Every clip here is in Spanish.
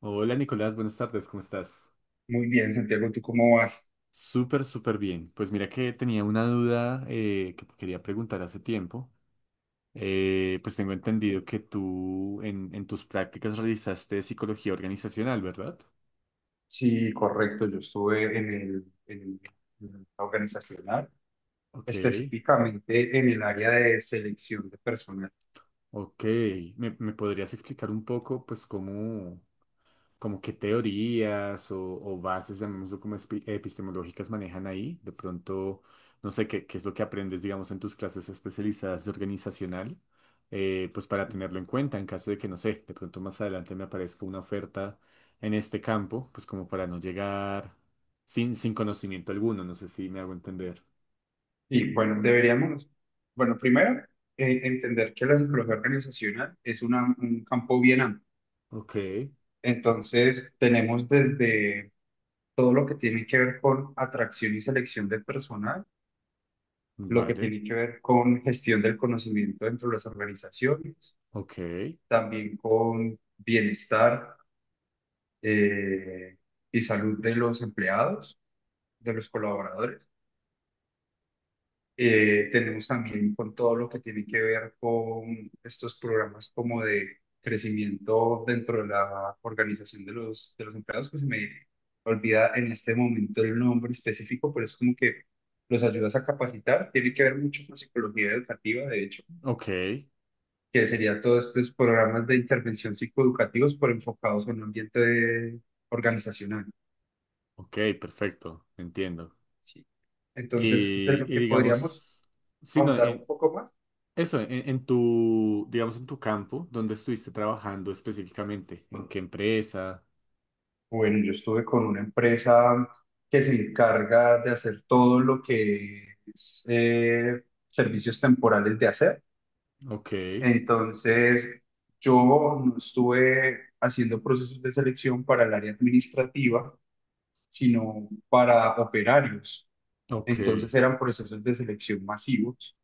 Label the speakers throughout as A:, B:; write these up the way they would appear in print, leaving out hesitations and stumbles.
A: Hola Nicolás, buenas tardes, ¿cómo estás?
B: Muy bien, Santiago, ¿tú cómo vas?
A: Súper bien. Pues mira que tenía una duda, que te quería preguntar hace tiempo. Pues tengo entendido que tú en tus prácticas realizaste psicología organizacional, ¿verdad?
B: Sí, correcto. Yo estuve en el, en el- En el organizacional,
A: Ok,
B: específicamente en el área de selección de personal.
A: ok. ¿Me podrías explicar un poco pues cómo, como qué teorías o bases, llamémoslo como epistemológicas, manejan ahí. De pronto, no sé qué es lo que aprendes, digamos, en tus clases especializadas de organizacional, pues para tenerlo en cuenta en caso de que, no sé, de pronto más adelante me aparezca una oferta en este campo, pues como para no llegar sin conocimiento alguno, no sé si me hago entender.
B: Y bueno, deberíamos, bueno, Primero, entender que la psicología organizacional es un campo bien amplio.
A: Ok,
B: Entonces, tenemos desde todo lo que tiene que ver con atracción y selección de personal, lo que
A: vale,
B: tiene que ver con gestión del conocimiento dentro de las organizaciones,
A: ok,
B: también con bienestar eh, y salud de los empleados, de los colaboradores. Tenemos también con todo lo que tiene que ver con estos programas como de crecimiento dentro de la organización de de los empleados, que se me olvida en este momento el nombre específico, pero es como que los ayudas a capacitar. Tiene que ver mucho con psicología educativa, de hecho,
A: ok,
B: que sería todos estos programas de intervención psicoeducativos por enfocados en un ambiente organizacional,
A: ok, perfecto, entiendo.
B: ¿sí? Entonces,
A: Y,
B: de lo
A: y
B: que podríamos
A: digamos, sí, no,
B: ahondar un poco más,
A: eso, en tu, digamos, en tu campo, ¿dónde estuviste trabajando específicamente? ¿En qué empresa?
B: bueno, yo estuve con una empresa que se encarga de hacer todo lo que es servicios temporales de hacer.
A: Ok,
B: Entonces, yo no estuve haciendo procesos de selección para el área administrativa, sino para operarios.
A: ok.
B: Entonces eran procesos de selección masivos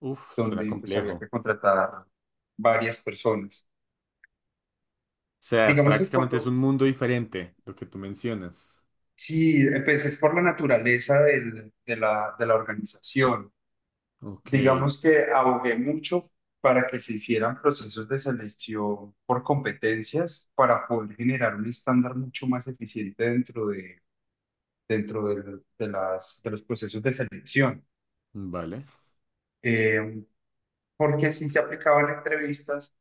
A: Uf, suena
B: donde pues
A: complejo.
B: había
A: O
B: que contratar varias personas.
A: sea,
B: Digamos que
A: prácticamente es
B: cuando,
A: un mundo diferente lo que tú mencionas.
B: si pues, es por la naturaleza de de la organización,
A: Ok,
B: digamos que abogué mucho para que se hicieran procesos de selección por competencias para poder generar un estándar mucho más eficiente dentro de, las, de los procesos de selección.
A: vale.
B: Eh, Porque sí se aplicaban entrevistas,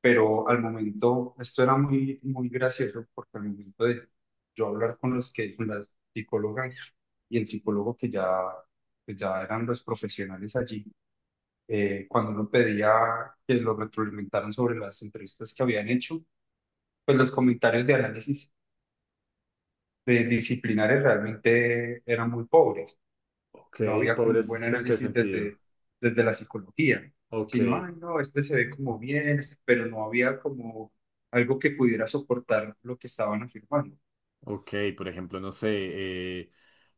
B: pero al momento, esto era muy, muy gracioso, porque al momento de yo hablar con con las psicólogas y el psicólogo que ya eran los profesionales allí, cuando uno pedía que lo retroalimentaran sobre las entrevistas que habían hecho, pues los comentarios de análisis de disciplinares realmente eran muy pobres.
A: Ok,
B: No había como un buen
A: pobres, ¿en qué
B: análisis
A: sentido?
B: desde, desde la psicología,
A: Ok,
B: sino, ay, no, este se ve como bien, este, pero no había como algo que pudiera soportar lo que estaban afirmando.
A: ok, por ejemplo, no sé,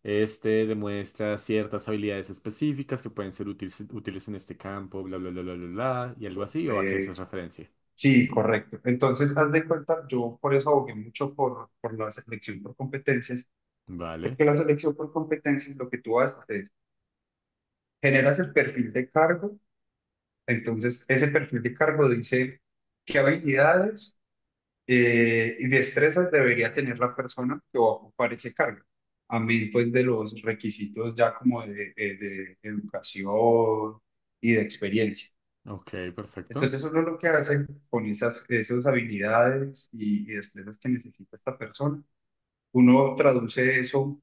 A: este demuestra ciertas habilidades específicas que pueden ser útiles, útiles en este campo, bla, bla, bla, bla, bla, bla, y algo así, ¿o a qué haces
B: Eh,
A: referencia?
B: sí, correcto. Entonces, haz de cuenta, yo por eso abogué mucho por la selección por competencias,
A: Vale.
B: porque la selección por competencias lo que tú haces es, generas el perfil de cargo, entonces ese perfil de cargo dice qué habilidades y destrezas debería tener la persona que va a ocupar ese cargo. Amén, pues de los requisitos ya como de educación y de experiencia.
A: Ok, perfecto.
B: Entonces uno lo que hace con esas habilidades y destrezas que necesita esta persona, uno traduce eso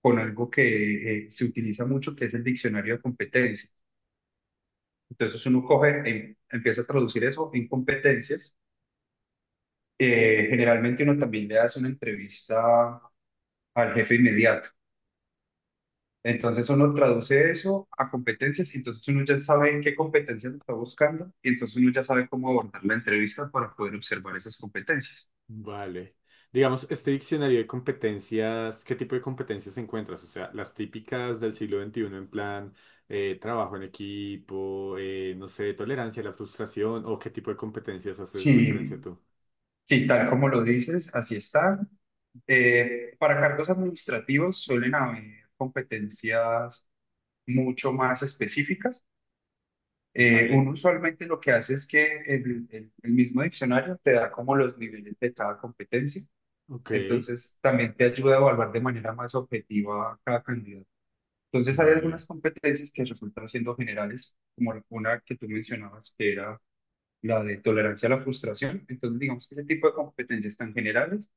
B: con algo que se utiliza mucho, que es el diccionario de competencias. Entonces uno coge, empieza a traducir eso en competencias. Generalmente uno también le hace una entrevista al jefe inmediato. Entonces uno traduce eso a competencias y entonces uno ya sabe en qué competencias está buscando y entonces uno ya sabe cómo abordar la entrevista para poder observar esas competencias.
A: Vale. Digamos, este diccionario de competencias, ¿qué tipo de competencias encuentras? O sea, las típicas del siglo XXI en plan trabajo en equipo, no sé, tolerancia a la frustración o qué tipo de competencias haces referencia
B: Sí,
A: tú.
B: sí, tal como lo dices, así está. Para cargos administrativos suelen haber competencias mucho más específicas.
A: Vale.
B: Uno usualmente lo que hace es que el mismo diccionario te da como los niveles de cada competencia.
A: Ok.
B: Entonces, también te ayuda a evaluar de manera más objetiva a cada candidato. Entonces, hay algunas
A: Vale,
B: competencias que resultan siendo generales, como una que tú mencionabas, que era la de tolerancia a la frustración. Entonces, digamos que ese tipo de competencias tan generales,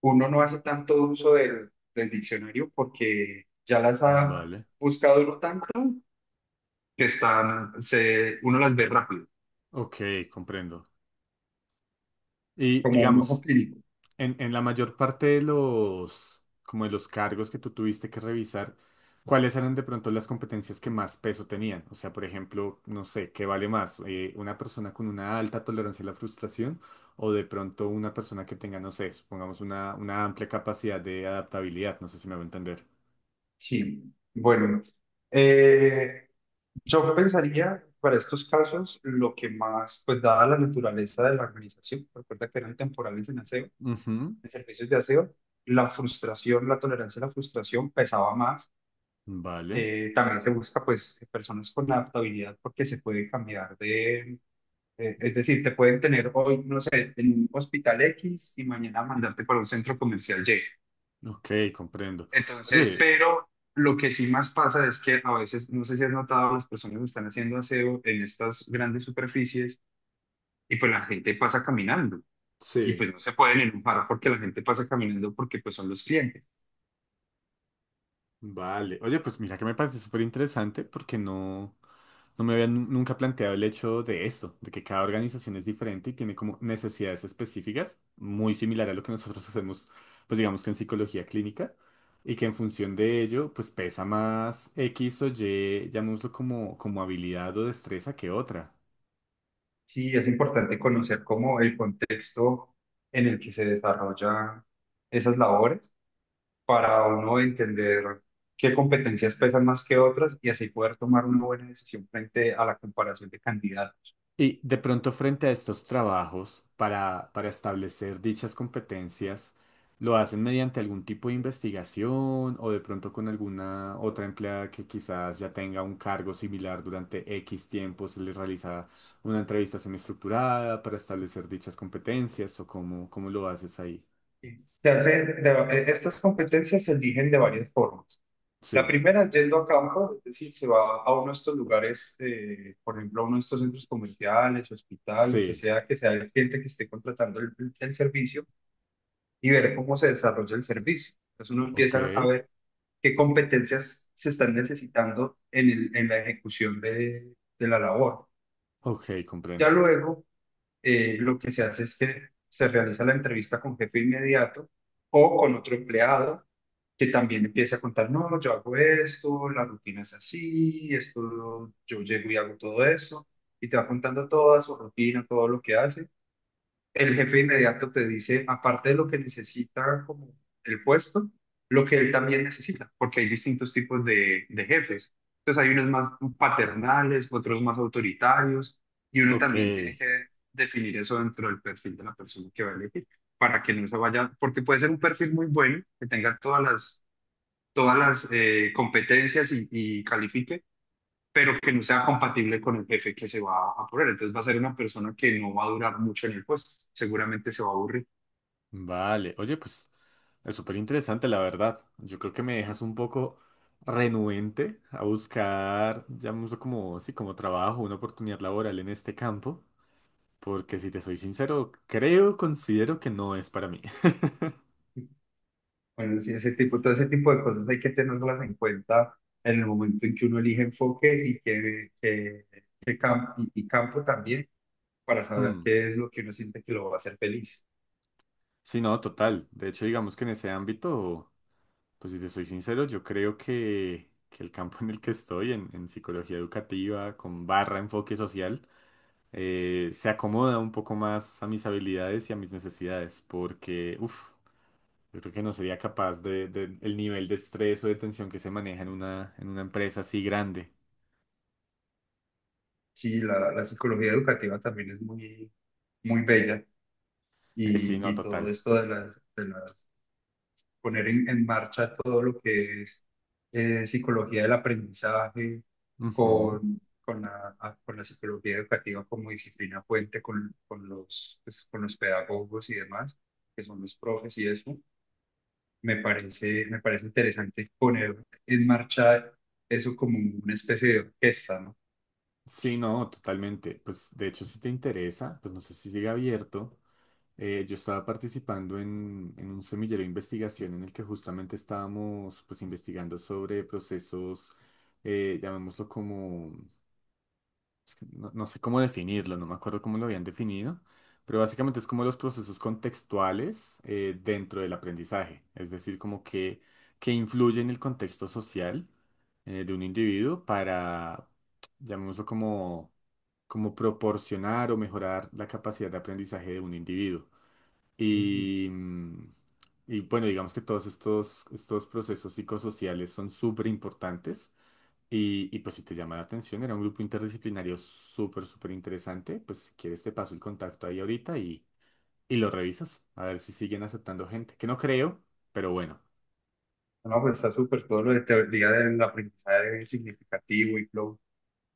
B: uno no hace tanto uso del diccionario porque ya las ha
A: vale.
B: buscado uno tanto que están, se, uno las ve rápido,
A: Ok, comprendo. Y
B: como un ojo
A: digamos,
B: clínico.
A: en la mayor parte de los, como de los cargos que tú tuviste que revisar, ¿cuáles eran de pronto las competencias que más peso tenían? O sea, por ejemplo, no sé, ¿qué vale más? ¿Una persona con una alta tolerancia a la frustración o de pronto una persona que tenga, no sé, supongamos una amplia capacidad de adaptabilidad? No sé si me va a entender.
B: Sí, bueno. Eh, Yo pensaría, para estos casos, lo que más, pues dada la naturaleza de la organización, recuerda que eran temporales en aseo,
A: Ujú.
B: en servicios de aseo, la frustración, la tolerancia a la frustración pesaba más.
A: Vale,
B: También se busca, pues, personas con adaptabilidad porque se puede cambiar de, es decir, te pueden tener hoy, no sé, en un hospital X y mañana mandarte para un centro comercial Y.
A: ok, comprendo.
B: Entonces,
A: Oye,
B: pero lo que sí más pasa es que a veces, no sé si has notado, las personas están haciendo aseo en estas grandes superficies y pues la gente pasa caminando, y
A: sí.
B: pues no se pueden enojar porque la gente pasa caminando porque pues son los clientes.
A: Vale. Oye, pues mira que me parece súper interesante porque no, no me había nunca planteado el hecho de esto, de que cada organización es diferente y tiene como necesidades específicas, muy similar a lo que nosotros hacemos, pues digamos que en psicología clínica, y que en función de ello, pues pesa más X o Y, llamémoslo como, como habilidad o destreza que otra.
B: Sí, es importante conocer cómo el contexto en el que se desarrollan esas labores para uno entender qué competencias pesan más que otras y así poder tomar una buena decisión frente a la comparación de candidatos.
A: Y de pronto frente a estos trabajos, para establecer dichas competencias, ¿lo hacen mediante algún tipo de investigación o de pronto con alguna otra empleada que quizás ya tenga un cargo similar durante X tiempo, se les realiza una entrevista semiestructurada para establecer dichas competencias o cómo, cómo lo haces ahí?
B: Estas competencias se eligen de varias formas. La
A: Sí,
B: primera es yendo a campo, es decir, se va a uno de estos lugares, por ejemplo, a uno de estos centros comerciales, hospital, lo
A: sí,
B: que sea el cliente que esté contratando el servicio, y ver cómo se desarrolla el servicio. Entonces uno
A: ok,
B: empieza a ver qué competencias se están necesitando en, en la ejecución de la labor.
A: ok,
B: Ya
A: comprendo.
B: luego, lo que se hace es que se realiza la entrevista con jefe inmediato o con otro empleado que también empiece a contar, no, yo hago esto, la rutina es así, esto, yo llego y hago todo esto, y te va contando toda su rutina, todo lo que hace. El jefe inmediato te dice, aparte de lo que necesita como el puesto, lo que él también necesita, porque hay distintos tipos de jefes. Entonces hay unos más paternales, otros más autoritarios, y uno
A: Ok,
B: también tiene que definir eso dentro del perfil de la persona que va a elegir, para que no se vaya, porque puede ser un perfil muy bueno, que tenga todas las competencias y califique, pero que no sea compatible con el jefe que se va a poner. Entonces va a ser una persona que no va a durar mucho en el puesto, seguramente se va a aburrir.
A: vale. Oye, pues... es súper interesante, la verdad. Yo creo que me dejas un poco renuente a buscar, llamémoslo como, sí, como trabajo, una oportunidad laboral en este campo, porque si te soy sincero, creo, considero que no es para mí.
B: Bueno, sí, ese tipo, todo ese tipo de cosas hay que tenerlas en cuenta en el momento en que uno elige enfoque y y campo también para saber
A: Hmm.
B: qué es lo que uno siente que lo va a hacer feliz.
A: Sí, no, total. De hecho, digamos que en ese ámbito, pues si te soy sincero, yo creo que el campo en el que estoy, en psicología educativa, con barra enfoque social, se acomoda un poco más a mis habilidades y a mis necesidades, porque, uff. Yo creo que no sería capaz de el nivel de estrés o de tensión que se maneja en una empresa así grande.
B: Sí, la psicología educativa también es muy, muy bella
A: Sí, no,
B: y todo
A: total.
B: esto de de las poner en marcha todo lo que es psicología del aprendizaje
A: Ujú.
B: con la, con la psicología educativa como disciplina fuente con los, pues, con los pedagogos y demás, que son los profes y eso. Me parece interesante poner en marcha eso como una especie de orquesta, ¿no?
A: Sí, no, totalmente. Pues de hecho, si te interesa, pues no sé si sigue abierto. Yo estaba participando en un semillero de investigación en el que justamente estábamos pues investigando sobre procesos, llamémoslo como no, no sé cómo definirlo, no me acuerdo cómo lo habían definido, pero básicamente es como los procesos contextuales, dentro del aprendizaje, es decir, como que influye en el contexto social, de un individuo para, llamémoslo como, como proporcionar o mejorar la capacidad de aprendizaje de un individuo.
B: Mm.
A: Y, y bueno, digamos que todos estos, estos procesos psicosociales son súper importantes y pues si te llama la atención, era un grupo interdisciplinario súper interesante, pues si quieres te paso el contacto ahí ahorita y lo revisas, a ver si siguen aceptando gente, que no creo, pero bueno.
B: No, pues está súper todo lo de teoría del aprendizaje significativo y flow.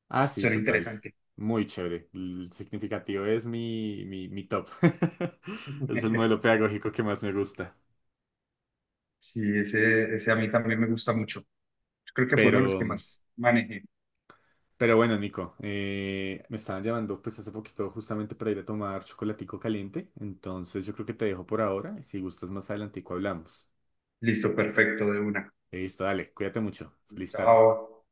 A: Ah, sí,
B: Suena
A: total.
B: interesante.
A: Muy chévere. El significativo es mi top. Es el modelo pedagógico que más me gusta.
B: Sí, ese a mí también me gusta mucho. Creo que fue uno de los que
A: Pero,
B: más manejé.
A: pero bueno, Nico, me estaban llamando pues hace poquito justamente para ir a tomar chocolatico caliente, entonces yo creo que te dejo por ahora y si gustas más adelantico hablamos.
B: Listo, perfecto, de una.
A: Listo, dale, cuídate mucho. Feliz tarde.
B: Chao.